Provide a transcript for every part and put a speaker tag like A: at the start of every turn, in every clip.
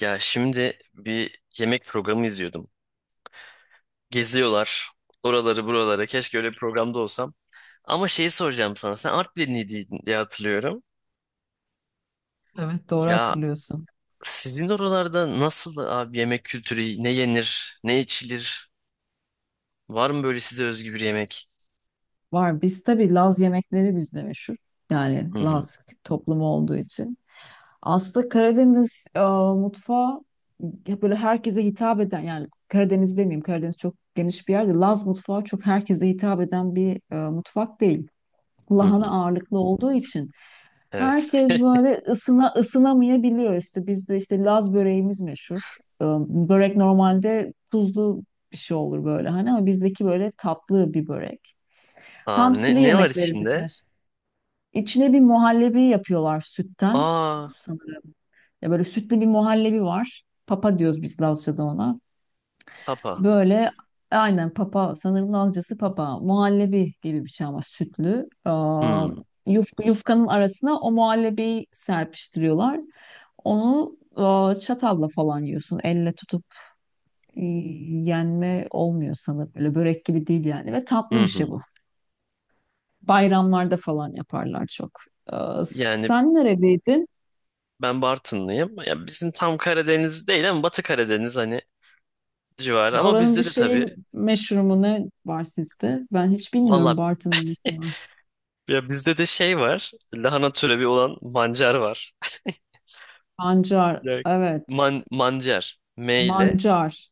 A: Ya şimdi bir yemek programı izliyordum. Geziyorlar oraları buralara. Keşke öyle bir programda olsam. Ama şeyi soracağım sana. Sen Artvinliydin diye hatırlıyorum.
B: Evet doğru
A: Ya
B: hatırlıyorsun.
A: sizin oralarda nasıl abi yemek kültürü? Ne yenir? Ne içilir? Var mı böyle size özgü bir yemek?
B: Var. Biz tabii Laz yemekleri bizde meşhur. Yani
A: Hı hı
B: Laz toplumu olduğu için. Aslında Karadeniz mutfağı ya böyle herkese hitap eden, yani Karadeniz demeyeyim, Karadeniz çok geniş bir yerde. Laz mutfağı çok herkese hitap eden bir mutfak değil.
A: hı
B: Lahana
A: hı.
B: ağırlıklı olduğu için
A: Evet.
B: herkes böyle ısına ısınamayabiliyor. İşte bizde işte Laz böreğimiz meşhur. Börek normalde tuzlu bir şey olur böyle hani, ama bizdeki böyle tatlı bir börek. Hamsili
A: Ne, ne var
B: yemeklerimiz
A: içinde?
B: meşhur. İçine bir muhallebi yapıyorlar sütten
A: Aa,
B: sanırım. Ya böyle sütlü bir muhallebi var. Papa diyoruz biz Lazca'da ona.
A: papa.
B: Böyle aynen papa, sanırım Lazcası papa, muhallebi gibi bir şey ama sütlü.
A: Hı
B: Yufkanın arasına o muhallebiyi serpiştiriyorlar. Onu çatalla falan yiyorsun. Elle tutup e, yenme olmuyor sanırım. Böyle börek gibi değil yani, ve tatlı
A: hı
B: bir şey
A: hı.
B: bu. Bayramlarda falan yaparlar çok. Aa,
A: Yani
B: sen neredeydin?
A: ben Bartınlıyım. Ya bizim tam Karadeniz değil ama Batı Karadeniz hani civarı.
B: E,
A: Ama
B: oranın bir
A: bizde de
B: şeyi
A: tabii.
B: meşhur mu, ne var sizde? Ben hiç bilmiyorum
A: Valla,
B: Bartın'ın nesi var.
A: ya bizde de şey var. Lahana türevi olan mancar var.
B: Pancar,
A: Ya,
B: evet.
A: man, mancar. M ile.
B: Mancar.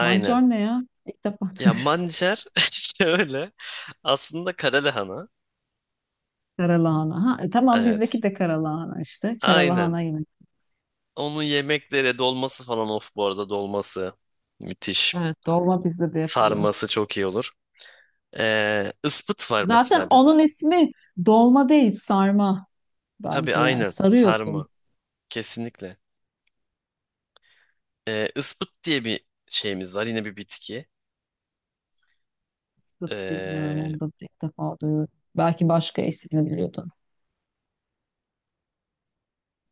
B: Mancar ne ya? İlk defa
A: Ya
B: duyuyorum.
A: mancar işte öyle. Aslında kara lahana.
B: Karalahana. Ha, e, tamam, bizdeki
A: Evet.
B: de karalahana işte.
A: Aynen.
B: Karalahana yemek.
A: Onun yemeklere dolması falan, of bu arada dolması. Müthiş.
B: Evet, dolma bizde de yapılıyor.
A: Sarması çok iyi olur. Ispıt var
B: Zaten
A: mesela bizde.
B: onun ismi dolma değil, sarma
A: Tabii
B: bence yani.
A: aynen.
B: Sarıyorsun.
A: Sarma. Kesinlikle. Ispıt diye bir şeyimiz var. Yine bir bitki.
B: Sıtı bilmiyorum,
A: Ee,
B: onu da ilk defa duyuyorum. Belki başka ismini biliyordum.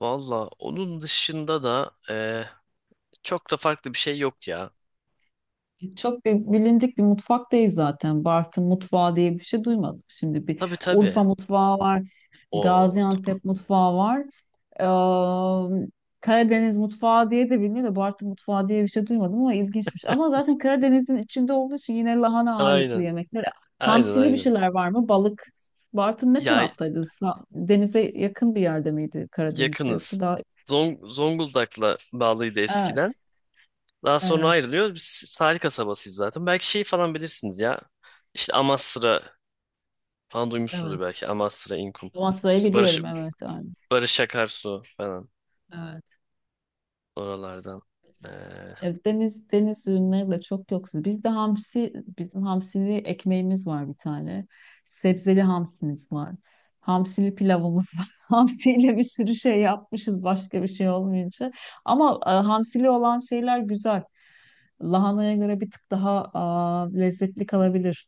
A: Valla onun dışında da çok da farklı bir şey yok ya.
B: Çok bilindik bir mutfak değil zaten. Bartın mutfağı diye bir şey duymadım. Şimdi bir
A: Tabii tabii.
B: Urfa mutfağı var,
A: O
B: Gaziantep mutfağı var. Eee, Karadeniz mutfağı diye de biliniyor da Bartın mutfağı diye bir şey duymadım, ama ilginçmiş. Ama zaten Karadeniz'in içinde olduğu için yine lahana ağırlıklı
A: aynen.
B: yemekler.
A: Aynen
B: Hamsili bir
A: aynen.
B: şeyler var mı? Balık. Bartın ne
A: Ya
B: taraftaydı? Denize yakın bir yerde miydi Karadeniz'de, yoksa
A: yakınız.
B: daha...
A: Zonguldak'la bağlıydı eskiden.
B: Evet,
A: Daha sonra
B: evet,
A: ayrılıyor. Biz tarih kasabasıyız zaten. Belki şey falan bilirsiniz ya. İşte Amasra falan duymuşsunuzdur
B: evet.
A: belki. Amasra, İnkum.
B: Amasra'yı
A: İşte Barış,
B: biliyorum, evet, aynen.
A: Barış Akarsu falan
B: Evet.
A: oralardan. E,
B: Evet, deniz ürünleri de çok yoksul. Bizde hamsi, bizim hamsili ekmeğimiz var bir tane. Sebzeli hamsimiz var. Hamsili pilavımız var. Hamsiyle bir sürü şey yapmışız başka bir şey olmayınca. Ama hamsili olan şeyler güzel. Lahanaya göre bir tık daha lezzetli kalabilir.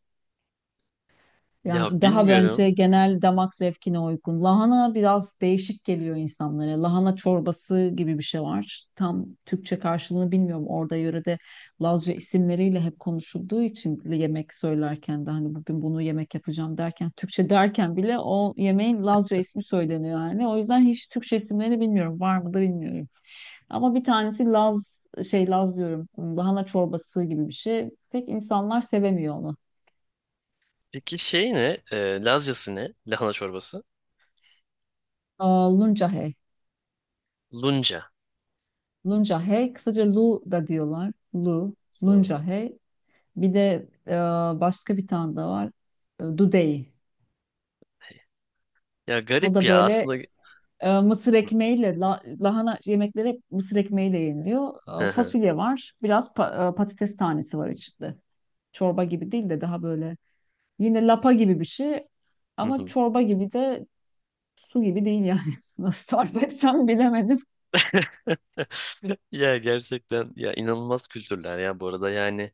B: Yani
A: ya
B: daha bence
A: bilmiyorum.
B: genel damak zevkine uygun. Lahana biraz değişik geliyor insanlara. Lahana çorbası gibi bir şey var. Tam Türkçe karşılığını bilmiyorum. Orada yörede Lazca isimleriyle hep konuşulduğu için yemek söylerken de hani bugün bunu yemek yapacağım derken, Türkçe derken bile o yemeğin Lazca ismi söyleniyor yani. O yüzden hiç Türkçe isimleri bilmiyorum. Var mı da bilmiyorum. Ama bir tanesi Laz, Laz diyorum. Lahana çorbası gibi bir şey. Pek insanlar sevemiyor onu.
A: Peki şey ne? E, Lazcası ne? Lahana çorbası.
B: Aa, Luncahe.
A: Lunca.
B: Luncahe, kısaca Lu da diyorlar. Lu,
A: Hı.
B: Luncahe. Bir de başka bir tane de var. E, Dudey.
A: Ya
B: O
A: garip
B: da
A: ya
B: böyle
A: aslında.
B: mısır ekmeğiyle, lahana yemekleri hep mısır ekmeğiyle yeniliyor. E,
A: Hı hı.
B: fasulye var, biraz patates tanesi var içinde. Çorba gibi değil de daha böyle yine lapa gibi bir şey.
A: Hı
B: Ama
A: hı.
B: çorba gibi de su gibi değil yani. Nasıl tarif etsem bilemedim.
A: Ya gerçekten ya inanılmaz kültürler ya, bu arada yani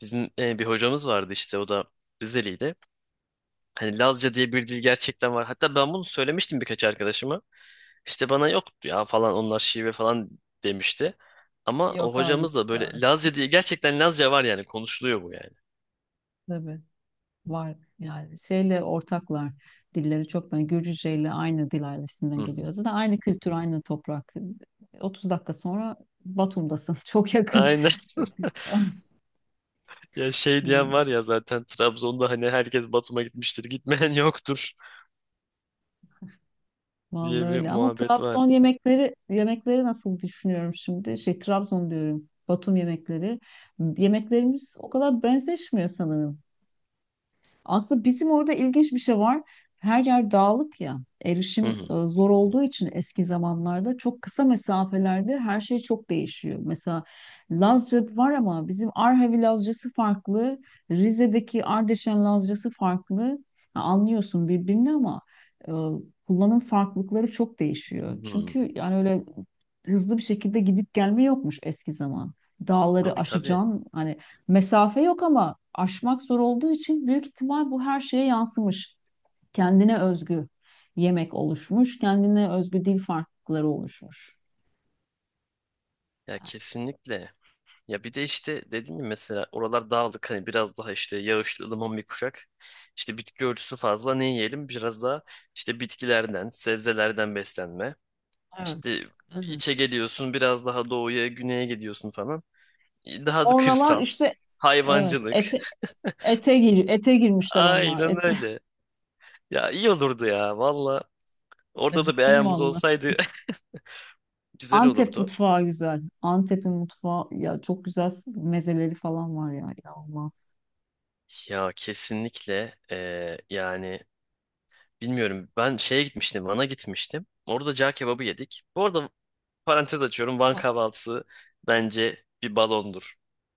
A: bizim bir hocamız vardı işte, o da Rizeliydi. Hani Lazca diye bir dil gerçekten var. Hatta ben bunu söylemiştim birkaç arkadaşıma. İşte bana yok ya falan, onlar şive falan demişti. Ama o
B: Yok hayır.
A: hocamız da böyle
B: Evet.
A: Lazca diye, gerçekten Lazca var yani, konuşuluyor bu yani.
B: Tabii. Var yani, şeyle ortaklar, dilleri çok, ben Gürcüce ile aynı dil
A: Hı
B: ailesinden geliyor.
A: hı.
B: Zaten aynı kültür, aynı toprak. 30 dakika sonra Batum'dasın. Çok yakın.
A: Aynen.
B: Çok güzel.
A: Ya şey diyen
B: Yani,
A: var ya zaten, Trabzon'da hani herkes Batum'a gitmiştir, gitmeyen yoktur diye
B: vallahi
A: bir
B: öyle. Ama
A: muhabbet var.
B: Trabzon yemekleri nasıl düşünüyorum şimdi? Şey, Trabzon diyorum, Batum yemekleri. Yemeklerimiz o kadar benzeşmiyor sanırım. Aslında bizim orada ilginç bir şey var. Her yer dağlık ya. Erişim
A: Hı hı.
B: zor olduğu için eski zamanlarda çok kısa mesafelerde her şey çok değişiyor. Mesela Lazca var ama bizim Arhavi Lazcası farklı, Rize'deki Ardeşen Lazcası farklı. Ha, anlıyorsun birbirini ama e, kullanım farklılıkları çok değişiyor.
A: Hı.
B: Çünkü yani öyle hızlı bir şekilde gidip gelme yokmuş eski zaman. Dağları
A: Tabii tabii.
B: aşacaksın, hani mesafe yok ama aşmak zor olduğu için büyük ihtimal bu her şeye yansımış. Kendine özgü yemek oluşmuş, kendine özgü dil farklılıkları oluşmuş.
A: Ya
B: Yani
A: kesinlikle. Ya bir de işte dediğim gibi, mesela oralar dağlık, hani biraz daha işte yağışlı ılıman bir kuşak. İşte bitki örtüsü fazla, ne yiyelim? Biraz daha işte bitkilerden, sebzelerden beslenme. İşte
B: evet,
A: içe
B: evet,
A: geliyorsun, biraz daha doğuya, güneye gidiyorsun falan. Daha da
B: oralar
A: kırsal.
B: işte evet,
A: Hayvancılık.
B: ete ete gir ete girmişler onlar.
A: Aynen
B: Ete
A: öyle. Ya iyi olurdu ya valla. Orada da bir
B: acıktım
A: ayağımız
B: vallahi.
A: olsaydı güzel
B: Antep
A: olurdu.
B: mutfağı güzel. Antep'in mutfağı ya, çok güzel mezeleri falan var ya, inanılmaz.
A: Ya kesinlikle, yani bilmiyorum. Ben şeye gitmiştim. Van'a gitmiştim. Orada cağ kebabı yedik. Bu arada parantez açıyorum. Van kahvaltısı bence bir balondur.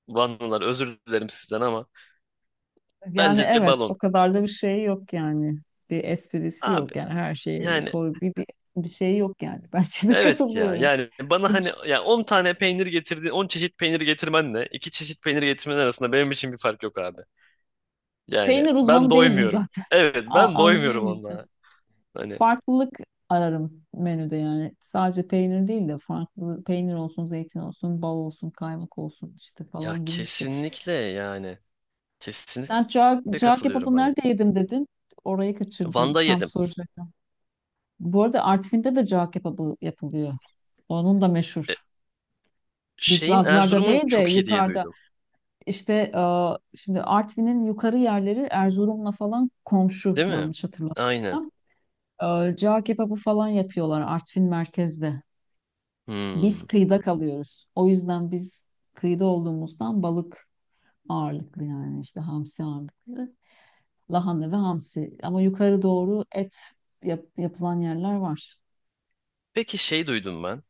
A: Vanlılar özür dilerim sizden ama
B: Yani
A: bence bir
B: evet,
A: balon.
B: o kadar da bir şey yok yani. Bir esprisi
A: Abi
B: yok yani, her şeyi
A: yani,
B: koy, bir şey yok yani. Ben de
A: evet ya.
B: katılıyorum.
A: Yani bana hani
B: Hiç,
A: ya 10 tane peynir getirdin, 10 çeşit peynir getirmenle 2 çeşit peynir getirmen arasında benim için bir fark yok abi. Yani
B: peynir
A: ben
B: uzmanı değilim
A: doymuyorum.
B: zaten.
A: Evet, ben doymuyorum
B: Anlayamıyorsun.
A: onunla. Hani
B: Farklılık ararım menüde yani. Sadece peynir değil de farklı peynir olsun, zeytin olsun, bal olsun, kaymak olsun işte
A: ya
B: falan gibi bir şey.
A: kesinlikle yani,
B: Sen
A: kesinlikle
B: cağ
A: katılıyorum
B: kebabı
A: hani.
B: nerede yedim dedin? Orayı kaçırdım.
A: Van'da
B: Tam
A: yedim.
B: soracaktım. Bu arada Artvin'de de cağ kebabı yapılıyor. Onun da
A: E,
B: meşhur. Biz
A: Şeyin
B: Lazlar'da
A: Erzurum'un
B: değil de
A: çok iyi diye
B: yukarıda
A: duydum.
B: işte şimdi Artvin'in yukarı yerleri Erzurum'la falan komşu,
A: Değil mi?
B: yanlış
A: Aynen.
B: hatırlamıyorsam. E, cağ kebabı falan yapıyorlar Artvin merkezde. Biz
A: Hmm.
B: kıyıda kalıyoruz. O yüzden biz kıyıda olduğumuzdan balık ağırlıklı yani, işte hamsi ağırlıklı. Lahana ve hamsi. Ama yukarı doğru et yapılan yerler var.
A: Peki şey, duydum ben.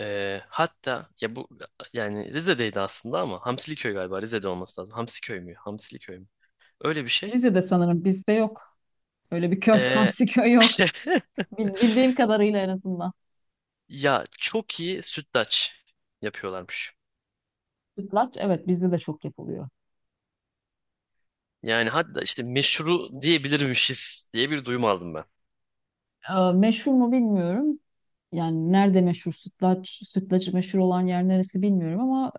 A: Hatta ya bu yani Rize'deydi aslında, ama Hamsiliköy galiba Rize'de olması lazım. Hamsiköy mü? Hamsiliköy mü? Öyle bir şey.
B: Rize'de sanırım, bizde yok. Öyle bir köy,
A: Ee,
B: hamsi köy yok. Bildiğim kadarıyla en azından.
A: ya çok iyi sütlaç yapıyorlarmış.
B: Sütlaç, evet, bizde de çok yapılıyor.
A: Yani hatta işte meşru diyebilirmişiz diye bir duyum aldım ben.
B: Meşhur mu bilmiyorum. Yani nerede meşhur sütlaç, sütlacı meşhur olan yer neresi bilmiyorum ama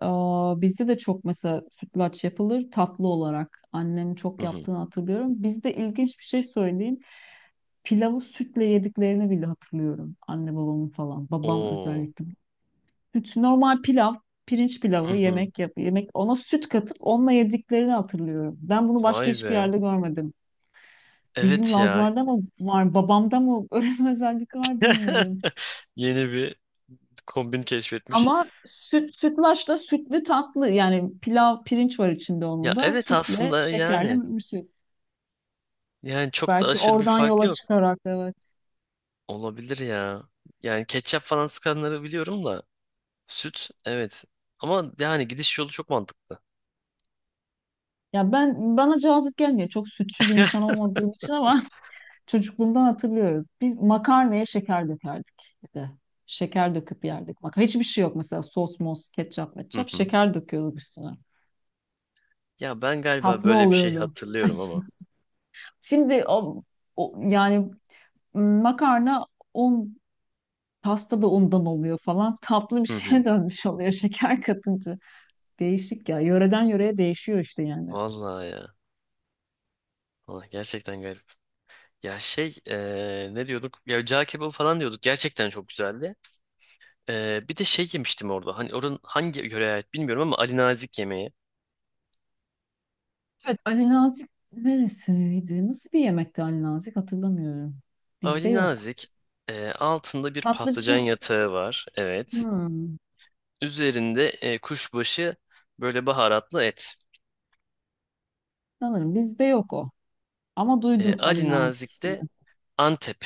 B: bizde de çok mesela sütlaç yapılır tatlı olarak. Annemin çok
A: Hı hı.
B: yaptığını hatırlıyorum. Bizde ilginç bir şey söyleyeyim. Pilavı sütle yediklerini bile hatırlıyorum. Anne babamın falan. Babam
A: Oo.
B: özellikle. Süt, normal pilav, pirinç
A: Hı
B: pilavı,
A: hı.
B: yemek yap, yemek ona süt katıp onunla yediklerini hatırlıyorum. Ben bunu başka
A: Vay
B: hiçbir
A: be.
B: yerde görmedim. Bizim
A: Evet ya.
B: Lazlarda mı var, babamda mı öyle bir özellik var, bilmiyorum.
A: Yeni bir kombin keşfetmiş.
B: Ama süt, sütlaçla sütlü tatlı yani pilav, pirinç var içinde, onun
A: Ya
B: da
A: evet
B: sütle
A: aslında
B: şekerle
A: yani.
B: mümsü.
A: Yani çok da
B: Belki
A: aşırı bir
B: oradan
A: fark
B: yola
A: yok.
B: çıkarak, evet.
A: Olabilir ya. Yani ketçap falan sıkanları biliyorum da. Süt, evet. Ama yani gidiş yolu çok mantıklı.
B: Ya ben bana cazip gelmiyor. Çok sütçü bir insan olmadığım için, ama çocukluğumdan hatırlıyorum. Biz makarnaya şeker dökerdik bir de. Şeker döküp yerdik. Bak hiçbir şey yok mesela, sos mos, ketçap
A: Hı
B: metçap,
A: hı.
B: şeker döküyorduk üstüne.
A: Ya ben galiba
B: Tatlı
A: böyle bir şey
B: oluyordu.
A: hatırlıyorum ama.
B: Şimdi yani makarna, un, pasta da undan oluyor falan. Tatlı bir
A: Hı
B: şeye
A: hı.
B: dönmüş oluyor şeker katınca. Değişik ya. Yöreden yöreye değişiyor işte yani.
A: Vallahi ya. Vallahi gerçekten garip. Ya şey, ne diyorduk? Ya cağ kebabı falan diyorduk. Gerçekten çok güzeldi. Bir de şey yemiştim orada. Hani oranın hangi yöreye ait bilmiyorum ama, Ali Nazik yemeği.
B: Evet, Ali Nazik neresiydi? Nasıl bir yemekti Ali Nazik, hatırlamıyorum. Bizde
A: Ali
B: yok.
A: Nazik, altında bir
B: Tatlıcı,
A: patlıcan yatağı var. Evet.
B: hmm,
A: Üzerinde kuşbaşı böyle baharatlı et.
B: sanırım bizde yok o. Ama
A: E,
B: duydum
A: Ali
B: Ali Nazik
A: Nazik de
B: ismini.
A: Antep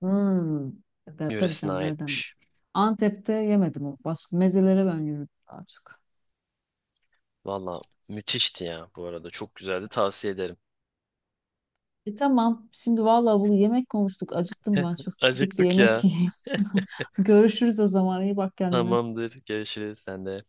B: Hmm. Tabii tabii
A: yöresine
B: canım, nereden bileyim.
A: aitmiş.
B: Antep'te yemedim o. Başka mezelere ben yürüdüm daha çok.
A: Valla müthişti ya bu arada. Çok güzeldi, tavsiye ederim.
B: E tamam. Şimdi vallahi bunu, yemek konuştuk. Acıktım ben çok. Gidip bir
A: Acıktık
B: yemek
A: ya.
B: yiyeyim. Görüşürüz o zaman. İyi bak kendine.
A: Tamamdır. Görüşürüz sen de.